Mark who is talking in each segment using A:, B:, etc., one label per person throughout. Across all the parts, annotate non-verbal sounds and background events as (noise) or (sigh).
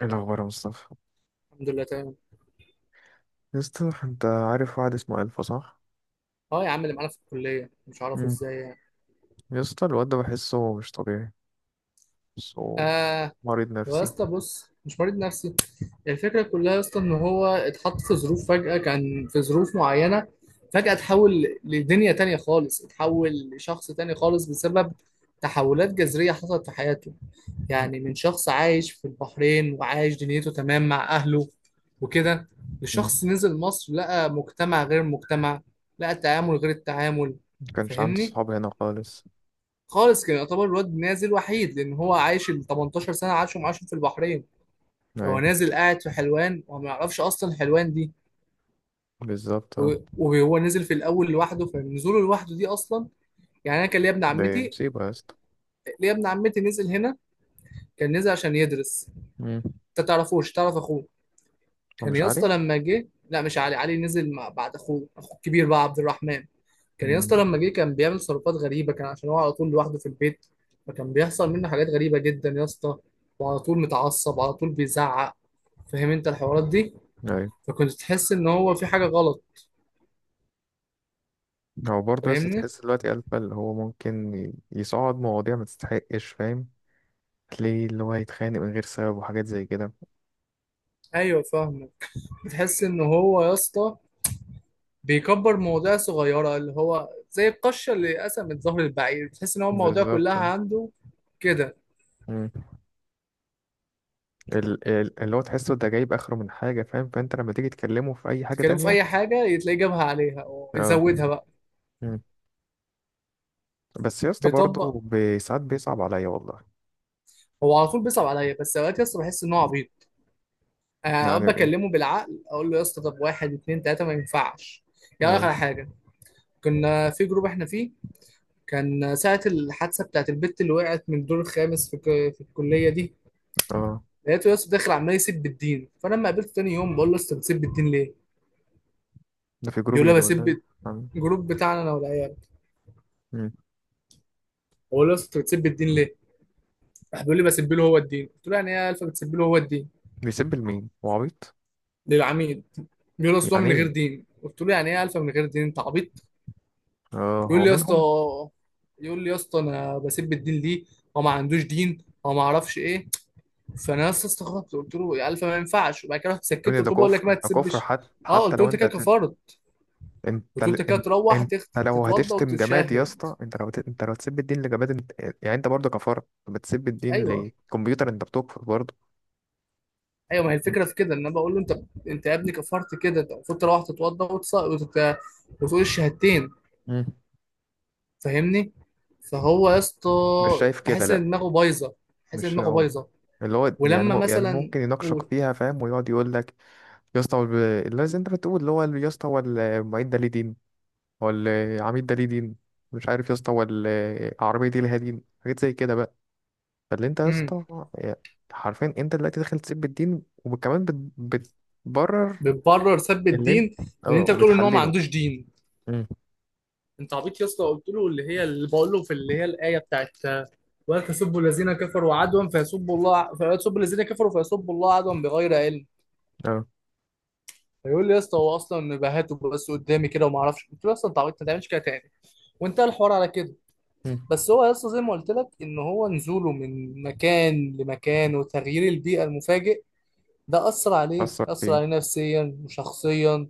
A: ايه الاخبار يا مصطفى؟
B: الحمد لله تمام.
A: يا اسطى، انت عارف واحد اسمه الفا، صح؟
B: اه يا عم اللي معانا في الكليه مش عارفه
A: امم.
B: ازاي يعني.
A: يا اسطى، الواد ده بحسه مش طبيعي. بحسه.
B: اه
A: مريض
B: هو يا
A: نفسي.
B: اسطى بص مش مريض نفسي. الفكره كلها يا اسطى ان هو اتحط في ظروف فجاه، كان في ظروف معينه فجاه اتحول لدنيا تانية خالص، اتحول لشخص تاني خالص بسبب تحولات جذريه حصلت في حياته. يعني من شخص عايش في البحرين وعايش دنيته تمام مع اهله وكده،
A: مم.
B: لشخص نزل مصر لقى مجتمع غير المجتمع، لقى تعامل غير التعامل.
A: ما كانش عنده
B: فاهمني؟
A: صحاب هنا خالص.
B: خالص، كان يعتبر الواد نازل وحيد لان هو عايش ال 18 سنه عاشهم في البحرين. هو
A: ايوه.
B: نازل قاعد في حلوان وما يعرفش اصلا حلوان دي.
A: بالظبط، اه.
B: وهو نزل في الاول لوحده، فنزوله لوحده دي اصلا. يعني انا كان ليا ابن
A: ده
B: عمتي
A: مصيبه يا اسطى.
B: ليا ابن عمتي نزل هنا، كان نزل عشان يدرس.
A: امم.
B: انت تعرفوش؟ تعرف اخوه.
A: هو
B: كان
A: مش
B: يا
A: عارف.
B: اسطى لما جه، لا مش علي، علي نزل مع بعد اخوه الكبير بقى عبد الرحمن. كان يا
A: امم.
B: اسطى لما جه كان بيعمل تصرفات غريبه، كان عشان هو على طول لوحده في البيت، فكان بيحصل منه حاجات غريبه جدا يا اسطى، وعلى طول متعصب، على طول بيزعق. فاهم انت الحوارات دي؟
A: ايوه.
B: فكنت تحس ان هو في حاجه غلط.
A: هو برضه يا اسطى،
B: فاهمني؟
A: تحس دلوقتي الفا اللي هو ممكن يصعد مواضيع ما تستحقش، فاهم؟ تلاقيه اللي هو يتخانق من غير سبب وحاجات زي كده.
B: ايوه فاهمه. بتحس ان هو يا اسطى بيكبر مواضيع صغيره، اللي هو زي القشه اللي قسمت ظهر البعير، بتحس ان هو المواضيع كلها
A: بالظبط، اه.
B: عنده كده.
A: مم. اللي هو تحسه ده جايب اخره من حاجه، فاهم؟ فانت لما تيجي تكلمه في اي حاجه
B: تكلمه في
A: تانية.
B: اي حاجه تلاقيه جابها عليها
A: اه.
B: ويزودها بقى.
A: مم. بس يا اسطى،
B: بيطبق.
A: برضه ساعات بيصعب عليا والله.
B: هو على طول بيصعب عليا، بس اوقات يا اسطى بحس ان هو عبيط.
A: يعني
B: اقعد
A: ايه؟
B: اكلمه بالعقل، اقول له يا اسطى طب واحد اتنين تلاته ما ينفعش. يعني
A: أيوة.
B: اخر حاجه، كنا في جروب احنا فيه، كان ساعه الحادثه بتاعت البت اللي وقعت من الدور الخامس في الكليه دي.
A: اه،
B: لقيته يا اسطى داخل عمال يسب بالدين. فانا لما قابلته تاني يوم بقول له يا اسطى بتسب الدين ليه؟
A: ده في جروب
B: بيقول
A: ايه
B: لي
A: ده ولا إيه؟
B: بسب.
A: عم-
B: الجروب بتاعنا انا والعيال.
A: مم.
B: بقول له يا اسطى بتسب الدين ليه؟ راح بيقول لي بسب له هو الدين. قلت له يعني ايه يا الفا بتسب له هو الدين؟
A: بيسب لمين؟ هو عبيط.
B: للعميد. بيقول له اصل هو
A: يعني
B: من غير
A: ايه؟
B: دين. قلت له يعني ايه يا الفا من غير دين، انت عبيط.
A: اه،
B: يقول
A: هو
B: لي يا اسطى
A: منهم.
B: يقول لي يا اسطى انا بسيب الدين ليه، هو ما عندوش دين، هو ما اعرفش ايه. فانا يا اسطى استغربت، قلت له يا الف ما ينفعش، وبعد كده رحت سكت،
A: يا ابني ده
B: قلت له بقول لك
A: كفر،
B: ما
A: ده كفر،
B: تسبش.
A: حتى
B: اه
A: حتى
B: قلت له
A: لو
B: انت
A: انت
B: كده كفرت،
A: انت
B: قلت له
A: ل-
B: انت كده
A: إن-
B: تروح
A: انت لو
B: تتوضى
A: هتشتم جماد يا
B: وتتشهد.
A: اسطى، انت لو هتسب الدين لجماد، انت. يعني انت برضه كفرت، بتسب الدين
B: ايوه
A: لكمبيوتر، انت بتكفر برضه.
B: ايوه، ما هي الفكره في كده ان انا بقول له انت يا ابني كفرت كده، انت المفروض تروح تتوضى وتقول الشهادتين.
A: مم.
B: فاهمني؟ فهو يا اسطى
A: مش شايف كده؟
B: بحس ان دماغه بايظه، بحس ان
A: مش
B: دماغه
A: هو-
B: بايظه.
A: اللي هو يعني
B: ولما
A: يعني
B: مثلا،
A: ممكن يناقشك
B: قول،
A: فيها، فاهم، ويقعد يقول لك، يا اسطى هو اللي زي انت بتقول، اللي هو يا اسطى هو المعيد ده ليه دين؟ هو العميد ده ليه دين؟ مش عارف يا اسطى، هو العربيه دي ليها دين؟ حاجات زي كده بقى. فاللي انت يا اسطى، حرفيا انت دلوقتي داخل تسيب الدين وكمان بتبرر.
B: بتبرر سب
A: اللي انت،
B: الدين، ان
A: اه،
B: انت بتقول ان هو ما
A: وبتحلله.
B: عندوش دين.
A: امم.
B: انت عبيط يا اسطى، قلت له اللي هي اللي بقول له في، اللي هي الايه بتاعت: ولا تسبوا الذين كفروا عدوا فيسبوا الله، فيسبوا الذين كفروا فيسبوا الله عدوا بغير علم.
A: اه.
B: فيقول لي يا اسطى هو اصلا بهاته بس قدامي كده وما اعرفش. قلت له يا اسطى انت عبيط ما تعملش كده تاني، وانتهى الحوار على كده.
A: امم.
B: بس هو يا اسطى زي ما قلت لك، ان هو نزوله من مكان لمكان وتغيير البيئه المفاجئ ده اثر عليه،
A: اثر
B: اثر
A: فيه.
B: عليه نفسيا وشخصيا.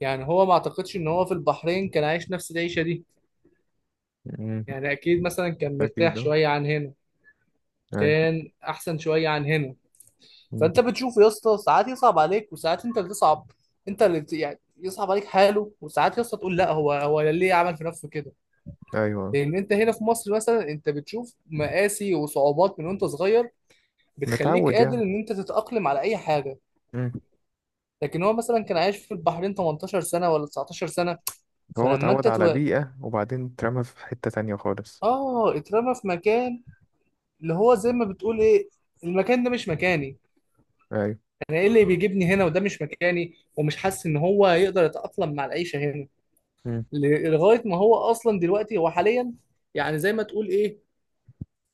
B: يعني هو ما اعتقدش ان هو في البحرين كان عايش نفس العيشة دي.
A: امم.
B: يعني اكيد مثلا كان مرتاح
A: اكيد، اه.
B: شوية عن هنا،
A: ايوه.
B: كان احسن شوية عن هنا.
A: أمم.
B: فانت بتشوف يا اسطى ساعات يصعب عليك وساعات انت اللي تصعب. انت اللي يعني يصعب عليك حاله، وساعات يا اسطى تقول لا، هو ليه عمل في نفسه كده.
A: أيوة.
B: لان انت هنا في مصر مثلا انت بتشوف مقاسي وصعوبات من وانت صغير، بتخليك
A: متعود.
B: قادر ان انت تتأقلم على اي حاجة.
A: يعني.
B: لكن هو مثلا كان عايش في البحرين 18 سنة ولا 19 سنة،
A: هو
B: فلما انت
A: اتعود على
B: تو...
A: بيئة وبعدين اترمى في حتة تانية خالص.
B: اه اترمى في مكان. اللي هو زي ما بتقول ايه، المكان ده مش مكاني.
A: أيوة.
B: انا ايه اللي بيجيبني هنا؟ وده مش مكاني ومش حاسس ان هو يقدر يتأقلم مع العيشة هنا.
A: مم.
B: لغاية ما هو اصلا دلوقتي، هو حاليا، يعني زي ما تقول ايه،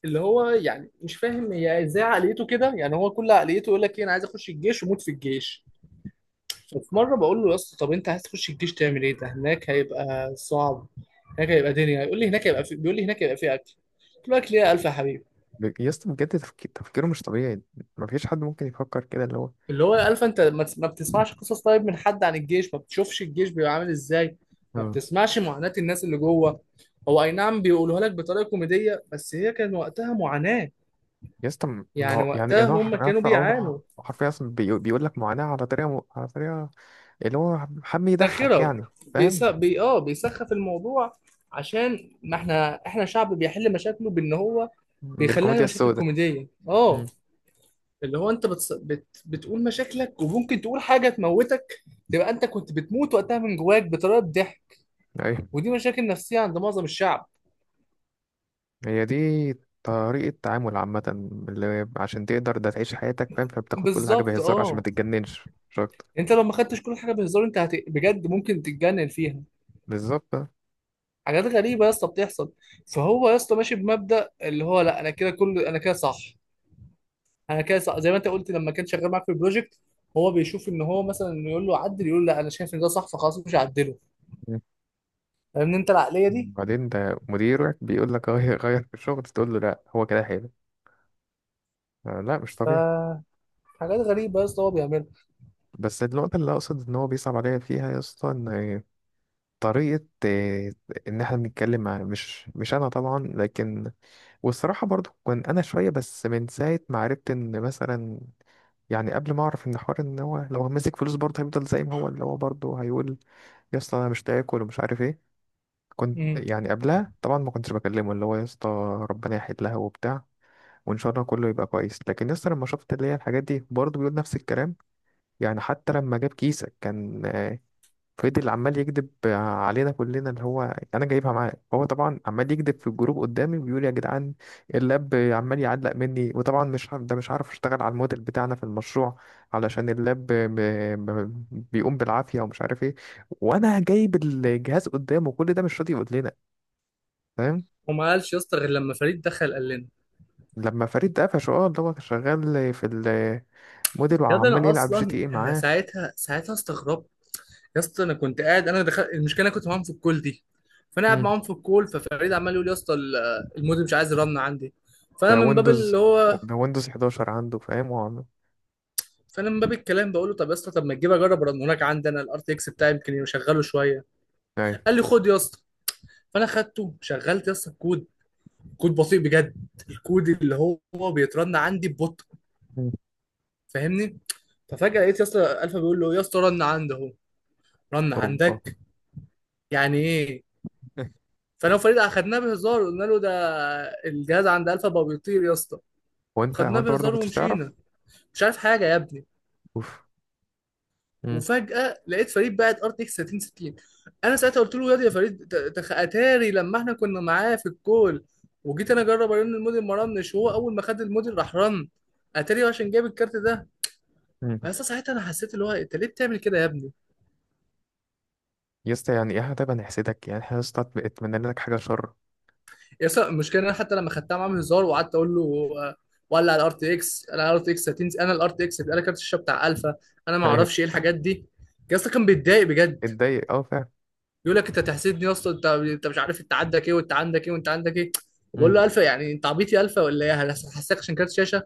B: اللي هو يعني مش فاهم هي ازاي عقليته كده. يعني هو كل عقليته يقول لك ايه؟ انا عايز اخش الجيش وموت في الجيش. ففي مرة بقول له يا اسطى طب انت عايز تخش الجيش تعمل ايه؟ ده هناك هيبقى صعب، هناك هيبقى دنيا. يقول لي هناك هيبقى في... بيقول لي هناك هيبقى في اكل. قلت له اكل ايه يا الف يا حبيبي؟
A: يا اسطى، بجد تفكيره مش طبيعي. مفيش حد ممكن يفكر كده، اللي هو.
B: اللي هو الف، انت ما بتسمعش قصص طيب من حد عن الجيش؟ ما بتشوفش الجيش بيبقى عامل ازاي؟ ما
A: اه.
B: بتسمعش معاناة الناس اللي جوه؟ هو اي نعم بيقولوها لك بطريقة كوميدية، بس هي كان وقتها معاناة.
A: يا اسطى، ما
B: يعني
A: هو يعني
B: وقتها
A: يعني هو
B: هم كانوا
A: عارف هو.
B: بيعانوا.
A: حرفيا أصلا بيقول لك معاناة على طريقة على طريقة اللي هو حب يضحك
B: ساخرة.
A: يعني.
B: بيس...
A: فاهم.
B: بي... اه بيسخف الموضوع. عشان ما احنا شعب بيحل مشاكله بان هو بيخليها
A: بالكوميديا
B: مشاكل
A: السوداء.
B: كوميدية. اه،
A: مم.
B: اللي هو انت بتقول مشاكلك وممكن تقول حاجة تموتك. تبقى انت كنت بتموت وقتها من جواك بطريقة ضحك.
A: أيوة.
B: ودي مشاكل نفسية عند معظم الشعب.
A: هي دي. طريقة تعامل عامة. اللي عشان تقدر ده تعيش حياتك، فاهم، فبتاخد كل حاجة
B: بالظبط
A: بهزار عشان ما
B: اه.
A: تتجننش، مش أكتر.
B: انت لو ما خدتش كل حاجة بهزار، انت بجد ممكن تتجنن فيها.
A: بالظبط.
B: حاجات غريبة يا اسطى بتحصل. فهو يا اسطى ماشي بمبدأ اللي هو لا، انا كده صح. انا كده صح، زي ما انت قلت لما كان شغال معاك في البروجكت. هو بيشوف ان هو مثلا إنه يقول له عدل، يقول لا انا شايف ان ده صح فخلاص مش هعدله. فاهمني انت العقلية دي؟
A: بعدين ده مديرك بيقول لك غير غير في الشغل، تقول له لا هو كده حلو. آه، لا مش طبيعي.
B: ف حاجات غريبة يا اسطى هو بيعملها.
A: بس النقطة اللي أقصد إن هو بيصعب عليا فيها يا اسطى، إن طريقة إن إحنا بنتكلم مع، مش أنا طبعا، لكن والصراحة برضو كان أنا شوية، بس من ساعة ما عرفت إن مثلا، يعني قبل ما أعرف إن حوار إن هو لو ماسك فلوس برضه هيفضل زي ما هو، اللي هو برضه هيقول، يا اسطى أنا مش تاكل ومش عارف إيه. كنت
B: امم
A: يعني قبلها طبعا ما كنتش بكلمه، اللي هو يا اسطى ربنا يحيد لها وبتاع، وان شاء الله كله يبقى كويس. لكن يسطا، لما شفت اللي هي الحاجات دي برضه بيقول نفس الكلام. يعني حتى لما جاب كيسك كان فضل عمال يكذب علينا كلنا، اللي هو انا جايبها معاه، هو طبعا عمال يكذب في الجروب قدامي وبيقول، يا جدعان اللاب عمال يعلق مني وطبعا مش عارف- ده مش عارف اشتغل على الموديل بتاعنا في المشروع، علشان اللاب ب- بيقوم بالعافية ومش عارف ايه، وانا جايب الجهاز قدامه. كل ده مش راضي يقول لنا. فاهم.
B: وما قالش يا اسطى غير لما فريد دخل قال لنا.
A: لما فريد قفشه، اه، اللي هو شغال في موديل
B: يا ده
A: وعمال
B: انا
A: يلعب جي تي
B: اصلا
A: ايه
B: انا
A: معاه.
B: ساعتها استغربت. يا اسطى انا كنت قاعد، انا دخلت المشكله، انا كنت معاهم في الكول دي. فانا قاعد
A: مم.
B: معاهم في الكول، ففريد عمال يقول يا اسطى المودم مش عايز رن عندي. فانا
A: ده
B: من باب
A: ويندوز
B: اللي هو
A: ده ويندوز 11 عنده، فاهم، هو
B: فانا من باب الكلام بقول له طب يا اسطى، طب ما تجيب اجرب رن هناك عندي، انا الار تي اكس بتاعي يمكن يشغله شويه.
A: ايوه.
B: قال لي خد يا اسطى. فانا خدته، شغلت يا اسطى الكود. كود بطيء بجد، الكود اللي هو بيترن عندي ببطء.
A: مم.
B: فاهمني؟ ففجاه لقيت يا اسطى الفا بيقول له يا اسطى رن عندي اهو. رن
A: اوبا.
B: عندك؟ يعني ايه؟ فانا وفريد اخدناه بهزار، قلنا له ده الجهاز عند الفا بقى بيطير يا اسطى.
A: هو انت هو
B: خدناه
A: انت برضه ما
B: بهزار
A: كنتش تعرف؟
B: ومشينا. مش عارف حاجه يا ابني.
A: اوف. مم.
B: وفجاه لقيت فريد باعت ار تي اكس 3060. انا ساعتها قلت له ياض يا فريد، ت- تخ اتاري لما احنا كنا معاه في الكول وجيت انا اجرب ارن الموديل ما رنش، وهو اول ما خد الموديل راح رن. اتاري عشان جاب الكارت ده.
A: مم.
B: بس ساعتها انا حسيت اللي هو انت ليه بتعمل كده يا ابني.
A: يا اسطى يعني ايه؟ طيب هنحسدك يعني احنا يا اسطى؟ اتمنى لك حاجه شر؟
B: يس المشكله إن انا حتى لما خدتها معاه هزار وقعدت اقول له، ولا على الار تي اكس، انا على الار تي اكس هتنزل، انا الار تي اكس هيبقى لك كارت الشاشه بتاع الفا، انا
A: (laughs)
B: ما
A: ايوه.
B: اعرفش ايه الحاجات دي. يا اسطى كان بيتضايق بجد،
A: اتضايق، اه فعلا.
B: بيقول لك انت تحسدني يا اسطى، انت مش عارف انت عندك ايه وانت عندك ايه وانت عندك ايه.
A: مم.
B: بقول له الفا، يعني انت عبيط يا الفا ولا ايه؟ أنا هحسسك عشان كارت شاشه؟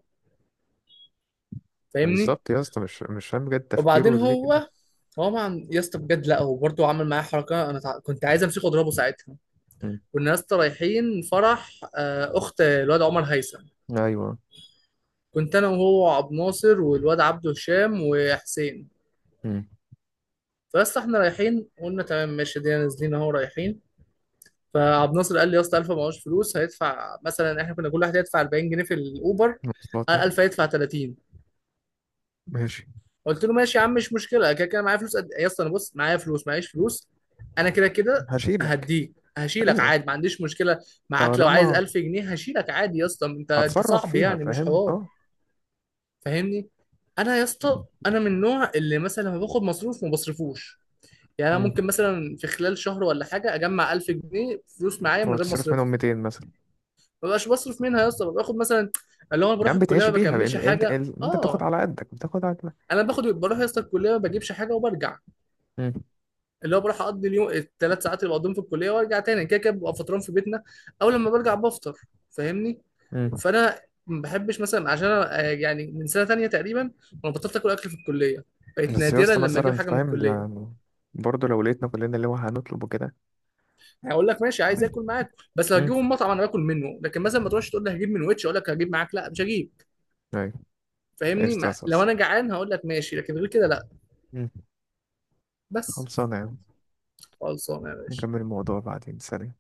B: فاهمني؟
A: بالظبط يا اسطى، مش فاهم بجد
B: وبعدين
A: تفكيره ليه كده.
B: هو مع يا اسطى بجد، لا هو برضه عمل معايا حركه، انا كنت عايز امسكه واضربه ساعتها.
A: مم.
B: كنا يا اسطى رايحين فرح اخت الواد عمر هيثم.
A: ايوه.
B: كنت انا وهو عبد ناصر والواد عبد هشام وحسين.
A: مم.
B: فبس احنا رايحين قلنا تمام ماشي دي نازلين اهو رايحين. فعبد ناصر قال لي يا اسطى الف معهوش فلوس، هيدفع مثلا، احنا كنا كل واحد هيدفع 40 جنيه في الاوبر،
A: مواصلات
B: قال
A: يعني.
B: الف هيدفع 30.
A: ماشي.
B: قلت له ماشي يا عم، مش مشكله، كده كده معايا فلوس إيه؟ يا اسطى انا بص، معايا فلوس، معيش فلوس، انا كده كده
A: هشيلك.
B: هديك هشيلك
A: ايوه.
B: عادي، ما عنديش مشكله. معاك لو عايز
A: طالما
B: 1000 جنيه هشيلك عادي يا اسطى، انت
A: هتصرف
B: صاحبي،
A: فيها،
B: يعني مش
A: فاهم،
B: حوار.
A: اه.
B: فاهمني؟ انا يا اسطى انا من النوع اللي مثلا لما باخد مصروف ما بصرفوش. يعني انا
A: مم.
B: ممكن مثلا في خلال شهر ولا حاجه اجمع 1000 جنيه فلوس معايا من
A: هو
B: غير ما
A: تصرف منهم
B: اصرفهم.
A: 200 مثلا.
B: ما بقاش بصرف منها يا اسطى، باخد مثلا اللي هو انا
A: يا
B: بروح
A: عم
B: الكليه
A: بتعيش
B: ما
A: بيها
B: بكملش حاجه.
A: انت بتاخد
B: اه،
A: على قدك، بتاخد على قدك.
B: انا باخد بروح يا اسطى الكليه ما بجيبش حاجه وبرجع.
A: مم.
B: اللي هو بروح اقضي اليوم، الثلاث ساعات اللي بقضيهم في الكليه، وارجع تاني كده كده ببقى فطران في بيتنا، او لما برجع بفطر. فاهمني؟
A: مم.
B: فانا ما بحبش مثلا، عشان أنا، يعني من سنه تانية تقريبا وانا بطلت اكل اكل في الكليه، بقيت
A: بس يا
B: نادرا
A: اسطى
B: لما اجيب
A: مثلا،
B: حاجه من
A: فاهم،
B: الكليه.
A: يعني برضه لو لقيتنا كلنا اللي هو هنطلب وكده.
B: هقول لك ماشي عايز
A: عادي.
B: اكل معاك، بس لو
A: مم.
B: هجيبه من مطعم انا باكل منه، لكن مثلا ما تروحش تقول لي هجيب من ويتش اقول لك هجيب معاك، لا مش هجيب.
A: ايوه.
B: فاهمني؟
A: ايش
B: ما... لو
A: تاسس.
B: انا جعان هقول لك ماشي، لكن غير كده لا.
A: مم.
B: بس.
A: خلصانة يا عم.
B: خلصانه يا باشا.
A: نكمل الموضوع بعدين. سلام.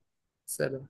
B: سلام.